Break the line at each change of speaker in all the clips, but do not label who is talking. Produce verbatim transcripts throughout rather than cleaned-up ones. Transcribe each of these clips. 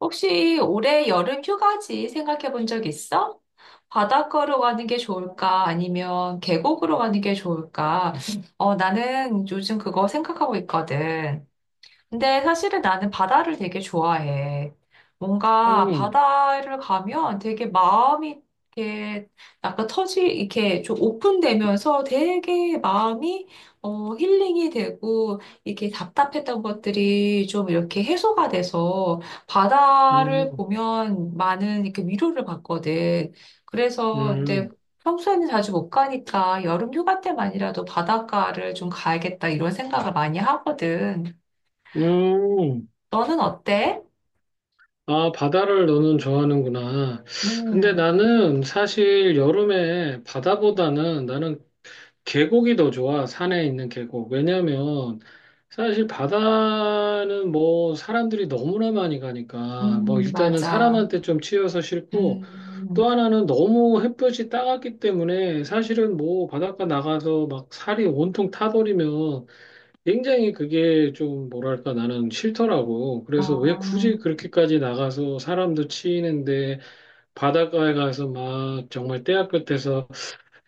혹시 올해 여름 휴가지 생각해 본 적 있어? 바닷가로 가는 게 좋을까? 아니면 계곡으로 가는 게 좋을까? 어, 나는 요즘 그거 생각하고 있거든. 근데 사실은 나는 바다를 되게 좋아해. 뭔가
음,
바다를 가면 되게 마음이 이렇게 약간 터지, 이렇게 좀 오픈되면서 되게 마음이 어, 힐링이 되고 이렇게 답답했던 것들이 좀 이렇게 해소가 돼서 바다를
음,
보면 많은 이렇게 위로를 받거든. 그래서 근데
음,
평소에는 자주 못 가니까 여름 휴가 때만이라도 바닷가를 좀 가야겠다 이런 생각을 많이 하거든.
음.
너는 어때?
아, 바다를 너는 좋아하는구나. 근데
음.
나는 사실 여름에 바다보다는 나는 계곡이 더 좋아. 산에 있는 계곡. 왜냐면 사실 바다는 뭐 사람들이 너무나 많이 가니까 뭐
음.
일단은
맞아.
사람한테 좀 치여서 싫고,
음.
또 하나는 너무 햇볕이 따갑기 때문에 사실은 뭐 바닷가 나가서 막 살이 온통 타버리면 굉장히 그게 좀 뭐랄까 나는 싫더라고. 그래서 왜
아.
굳이 그렇게까지 나가서 사람도 치이는데 바닷가에 가서 막 정말 때야 끝에서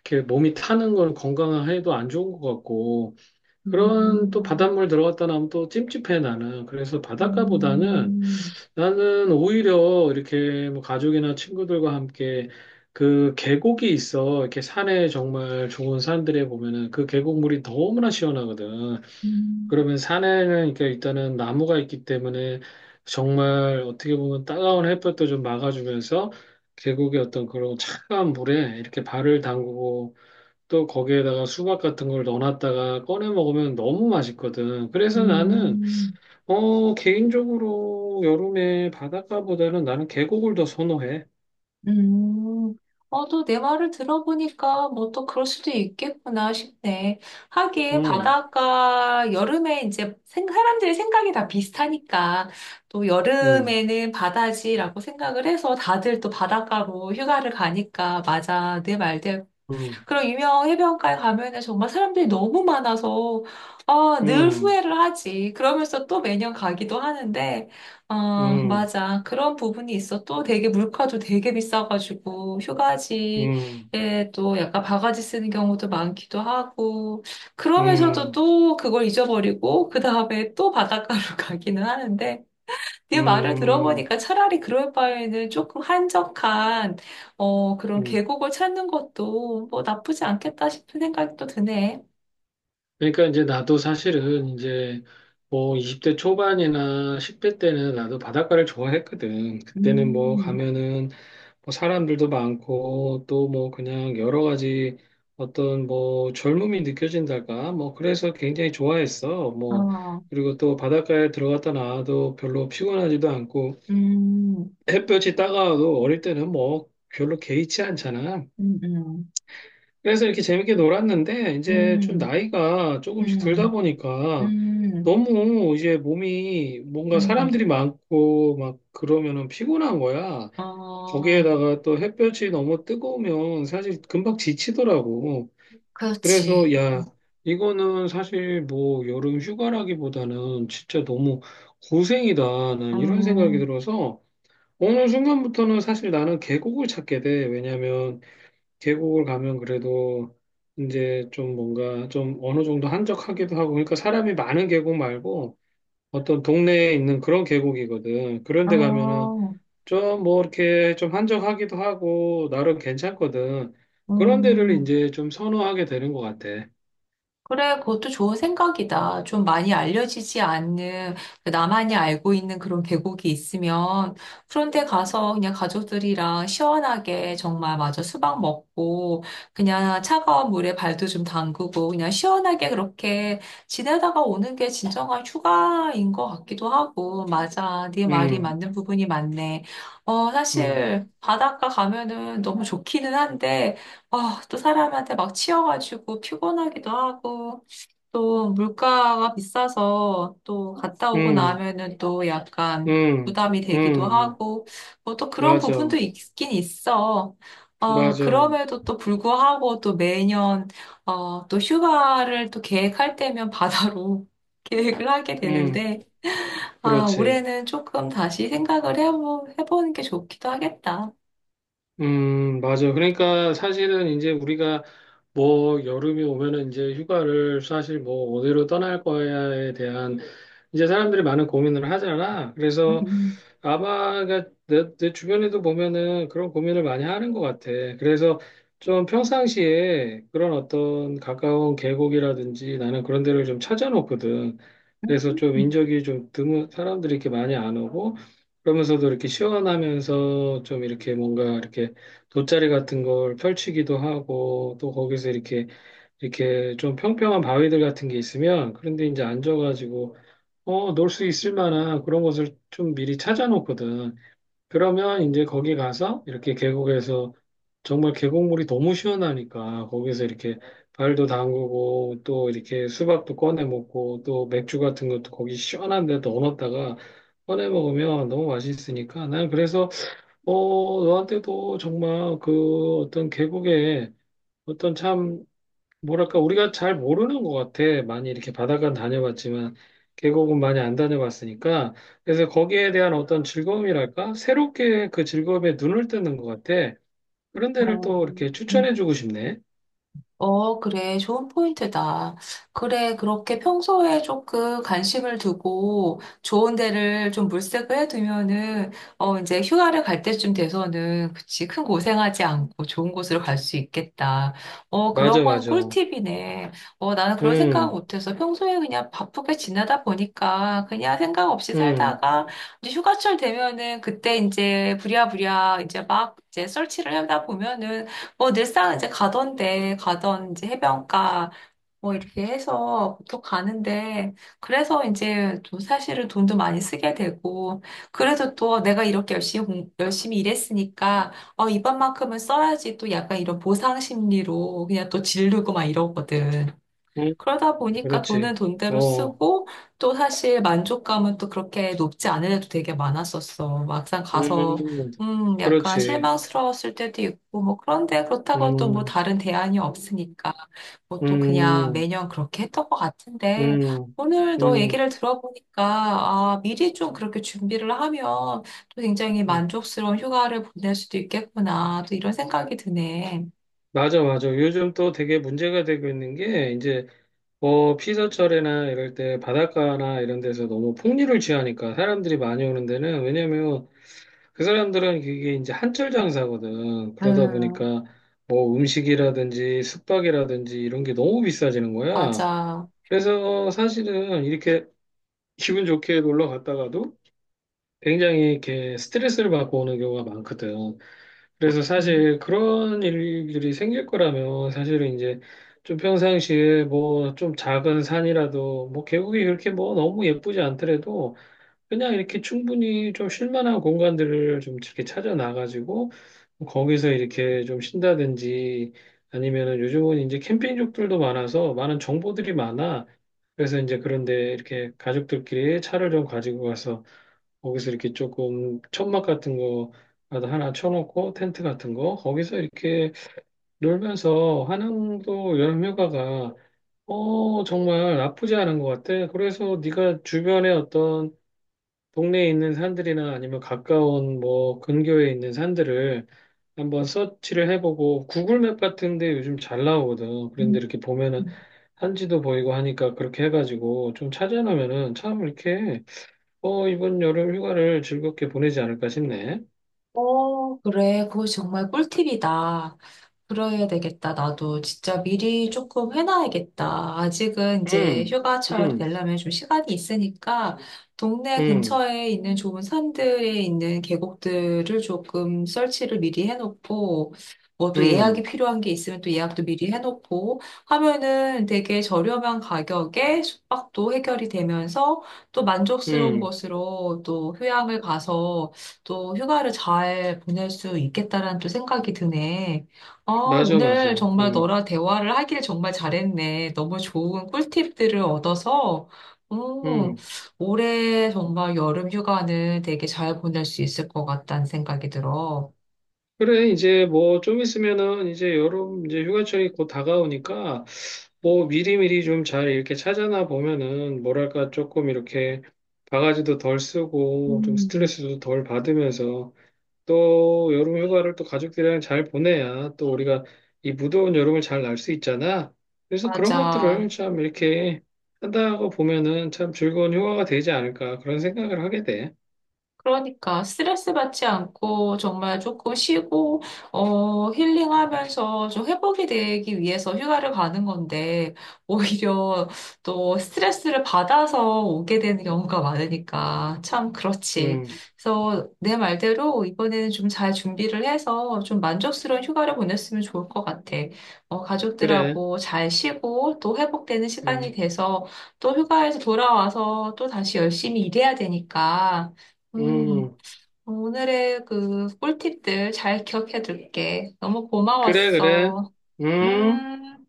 이렇게 몸이 타는 건 건강해도 안 좋은 것 같고, 그런 또
음.
바닷물 들어갔다 나면 또 찜찜해 나는. 그래서 바닷가보다는
음.
나는 오히려 이렇게 뭐 가족이나 친구들과 함께 그 계곡이 있어. 이렇게 산에 정말 좋은 산들에 보면은 그 계곡물이 너무나 시원하거든.
음.
그러면 산에는 그러니까 일단은 나무가 있기 때문에 정말 어떻게 보면 따가운 햇볕도 좀 막아주면서 계곡의 어떤 그런 차가운 물에 이렇게 발을 담그고 또 거기에다가 수박 같은 걸 넣어놨다가 꺼내 먹으면 너무 맛있거든. 그래서 나는
음.
어 개인적으로 여름에 바닷가보다는 나는 계곡을 더 선호해.
음. 어, 또 내 말을 들어보니까 뭐 또 그럴 수도 있겠구나 싶네. 하긴
음,
바닷가 여름에 이제 생- 사람들의 생각이 다 비슷하니까 또
음,
여름에는 바다지라고 생각을 해서 다들 또 바닷가로 휴가를 가니까 맞아. 내 말대로.
음,
그런 유명 해변가에 가면은 정말 사람들이 너무 많아서 아, 늘
음,
후회를 하지. 그러면서 또 매년 가기도 하는데 아,
음,
맞아. 그런 부분이 있어. 또 되게 물가도 되게 비싸가지고 휴가지에
음,
또 약간 바가지 쓰는 경우도 많기도 하고 그러면서도
음,
또 그걸 잊어버리고 그 다음에 또 바닷가로 가기는 하는데 네 말을
음,
들어보니까 차라리 그럴 바에는 조금 한적한, 어, 그런
음.
계곡을 찾는 것도 뭐 나쁘지 않겠다 싶은 생각이 또 드네.
그러니까 이제 나도 사실은 이제 뭐 이십 대 초반이나 십 대 때는 나도 바닷가를 좋아했거든. 그때는 뭐
음.
가면은 뭐 사람들도 많고 또 뭐 그냥 여러 가지 어떤 뭐 젊음이 느껴진달까? 뭐 그래서 굉장히 좋아했어. 뭐
아.
그리고 또 바닷가에 들어갔다 나와도 별로 피곤하지도 않고
음.
햇볕이 따가워도 어릴 때는 뭐 별로 개의치 않잖아.
음. 음.
그래서 이렇게 재밌게 놀았는데 이제 좀
음.
나이가 조금씩 들다
음.
보니까
음.
너무 이제 몸이 뭔가
음.
사람들이 많고 막 그러면은 피곤한 거야.
어,
거기에다가 또 햇볕이 너무 뜨거우면 사실 금방 지치더라고.
그렇지.
그래서 야, 이거는 사실 뭐 여름 휴가라기보다는 진짜 너무 고생이다. 난 이런 생각이
어.
들어서 어느 순간부터는 사실 나는 계곡을 찾게 돼. 왜냐면 계곡을 가면 그래도 이제 좀 뭔가 좀 어느 정도 한적하기도 하고 그러니까 사람이 많은 계곡 말고 어떤 동네에 있는 그런 계곡이거든. 그런데 가면은
어.
좀 뭐 이렇게 좀 한적하기도 하고 나름 괜찮거든. 그런 데를
음.
이제 좀 선호하게 되는 것 같아.
그래, 그것도 좋은 생각이다. 좀 많이 알려지지 않는, 그러니까 나만이 알고 있는 그런 계곡이 있으면, 그런데 가서 그냥 가족들이랑 시원하게 정말 마저 수박 먹고, 그냥 차가운 물에 발도 좀 담그고, 그냥 시원하게 그렇게 지내다가 오는 게 진정한 휴가인 것 같기도 하고, 맞아. 네 말이
음,
맞는 부분이 많네. 어,
음,
사실 바닷가 가면은 너무 좋기는 한데, 아, 또 사람한테 막 치여가지고 피곤하기도 하고, 또 물가가 비싸서 또 갔다 오고
음,
나면은 또 약간
음,
부담이
음,
되기도
음.
하고, 뭐 또 그런 부분도
맞아,
있긴 있어. 어,
맞아.
그럼에도 또 불구하고 또 매년, 어, 또 휴가를 또 계획할 때면 바다로 계획을 하게
음,
되는데, 아,
그렇지.
올해는 조금 다시 생각을 해보, 해보는 게 좋기도 하겠다.
음, 맞아. 그러니까 사실은 이제 우리가 뭐 여름이 오면은 이제 휴가를 사실 뭐 어디로 떠날 거야에 대한 이제 사람들이 많은 고민을 하잖아. 그래서
음.
아마 그러니까 내, 내 주변에도 보면은 그런 고민을 많이 하는 것 같아. 그래서 좀 평상시에 그런 어떤 가까운 계곡이라든지 나는 그런 데를 좀 찾아놓거든. 그래서 좀
음.
인적이 좀 드문 사람들이 이렇게 많이 안 오고, 그러면서도 이렇게 시원하면서 좀 이렇게 뭔가 이렇게 돗자리 같은 걸 펼치기도 하고 또 거기서 이렇게 이렇게 좀 평평한 바위들 같은 게 있으면 그런데 이제 앉아가지고 어, 놀 수 있을 만한 그런 곳을 좀 미리 찾아놓거든. 그러면 이제 거기 가서 이렇게 계곡에서 정말 계곡물이 너무 시원하니까 거기서 이렇게 발도 담그고 또 이렇게 수박도 꺼내 먹고 또 맥주 같은 것도 거기 시원한 데 넣어놨다가 꺼내 먹으면 너무 맛있으니까 난. 그래서 어, 너한테도 정말 그 어떤 계곡에 어떤 참 뭐랄까 우리가 잘 모르는 것 같아. 많이 이렇게 바닷가 다녀봤지만 계곡은 많이 안 다녀봤으니까. 그래서 거기에 대한 어떤 즐거움이랄까 새롭게 그 즐거움에 눈을 뜨는 것 같아. 그런 데를
어,
또 이렇게 추천해주고 싶네.
어, 그래. 좋은 포인트다. 그래. 그렇게 평소에 조금 관심을 두고 좋은 데를 좀 물색을 해두면은, 어, 이제 휴가를 갈 때쯤 돼서는, 그치. 큰 고생하지 않고 좋은 곳으로 갈 수 있겠다. 어, 그런
맞아,
건
맞아.
꿀팁이네. 어, 나는 그런 생각
음,
못해서 평소에 그냥 바쁘게 지내다 보니까 그냥 생각 없이
음,
살다가 이제 휴가철 되면은 그때 이제 부랴부랴 이제 막 이제 설치를 하다 보면은 뭐 늘상 이제 가던데 가던 이제 해변가 뭐 이렇게 해서 보통 가는데 그래서 이제 또 사실은 돈도 많이 쓰게 되고 그래도 또 내가 이렇게 열심히 공- 열심히 일했으니까 어 이번만큼은 써야지 또 약간 이런 보상 심리로 그냥 또 지르고 막 이러거든.
음,
그러다 보니까 돈은
그렇지.
돈대로
어,
쓰고 또 사실 만족감은 또 그렇게 높지 않은 애도 되게 많았었어. 막상 가서
음,
음 약간
그렇지.
실망스러웠을 때도 있고 뭐 그런데 그렇다고 또 뭐
음,
다른 대안이 없으니까 뭐 또 그냥
음,
매년 그렇게 했던 것 같은데
음,
오늘 너
음.
얘기를 들어보니까 아 미리 좀 그렇게 준비를 하면 또 굉장히
음.
만족스러운 휴가를 보낼 수도 있겠구나 또 이런 생각이 드네.
맞아, 맞아. 요즘 또 되게 문제가 되고 있는 게, 이제 어, 피서철이나 이럴 때 바닷가나 이런 데서 너무 풍류를 취하니까 사람들이 많이 오는 데는, 왜냐면 그 사람들은 그게 이제 한철 장사거든. 그러다
음,
보니까 뭐 음식이라든지 숙박이라든지 이런 게 너무 비싸지는 거야.
맞아.
그래서 사실은 이렇게 기분 좋게 놀러 갔다가도 굉장히 이렇게 스트레스를 받고 오는 경우가 많거든. 그래서
음.
사실 그런 일들이 생길 거라면 사실은 이제 좀 평상시에 뭐 좀 작은 산이라도 뭐 계곡이 그렇게 뭐 너무 예쁘지 않더라도 그냥 이렇게 충분히 좀 쉴만한 공간들을 좀 이렇게 찾아 나가지고 거기서 이렇게 좀 쉰다든지 아니면은 요즘은 이제 캠핑족들도 많아서 많은 정보들이 많아. 그래서 이제 그런데 이렇게 가족들끼리 차를 좀 가지고 가서 거기서 이렇게 조금 천막 같은 거 하나 쳐놓고 텐트 같은 거 거기서 이렇게 놀면서 한양도 여름휴가가 어 정말 나쁘지 않은 것 같아. 그래서 네가 주변에 어떤 동네에 있는 산들이나 아니면 가까운 뭐 근교에 있는 산들을 한번 서치를 해보고 구글맵 같은데 요즘 잘 나오거든. 그런데
음.
이렇게 보면은 산지도 보이고 하니까 그렇게 해가지고 좀 찾아놓으면은 참 이렇게 어, 이번 여름 휴가를 즐겁게 보내지 않을까 싶네.
그래, 그거 정말 꿀팁이다. 그래야 되겠다. 나도 진짜 미리 조금 해놔야겠다. 아직은 이제
음,
휴가철
음,
되려면 좀 시간이 있으니까 동네
음,
근처에 있는 좋은 산들에 있는 계곡들을 조금 설치를 미리 해놓고 뭐 또 예약이
음,
필요한 게 있으면 또 예약도 미리 해놓고 하면은 되게 저렴한 가격에 숙박도 해결이 되면서 또 만족스러운
음.
곳으로 또 휴양을 가서 또 휴가를 잘 보낼 수 있겠다라는 또 생각이 드네. 아,
맞아, 맞아.
오늘 정말
음,
너랑 대화를 하길 정말 잘했네. 너무 좋은 꿀팁들을 얻어서, 음.
음.
올해 정말 여름 휴가는 되게 잘 보낼 수 있을 것 같다는 생각이 들어.
그래, 이제 뭐 좀 있으면은 이제 여름 이제 휴가철이 곧 다가오니까 뭐 미리미리 좀 잘 이렇게 찾아나 보면은 뭐랄까 조금 이렇게 바가지도 덜 쓰고 좀
음.
스트레스도 덜 받으면서 또 여름 휴가를 또 가족들이랑 잘 보내야 또 우리가 이 무더운 여름을 잘 날 수 있잖아. 그래서 그런
맞아.
것들을 참 이렇게 한다고 보면은 참 즐거운 휴가가 되지 않을까 그런 생각을 하게 돼.
그러니까 스트레스 받지 않고 정말 조금 쉬고 어 힐링하면서 좀 회복이 되기 위해서 휴가를 가는 건데 오히려 또 스트레스를 받아서 오게 되는 경우가 많으니까 참 그렇지.
음,
그래서 내 말대로 이번에는 좀 잘 준비를 해서 좀 만족스러운 휴가를 보냈으면 좋을 것 같아. 어
그래.
가족들하고 잘 쉬고 또 회복되는 시간이
음,
돼서 또 휴가에서 돌아와서 또 다시 열심히 일해야 되니까 음,
음,
오늘의 그 꿀팁들 잘 기억해 둘게. 너무
그래, 그래.
고마웠어.
음.
음.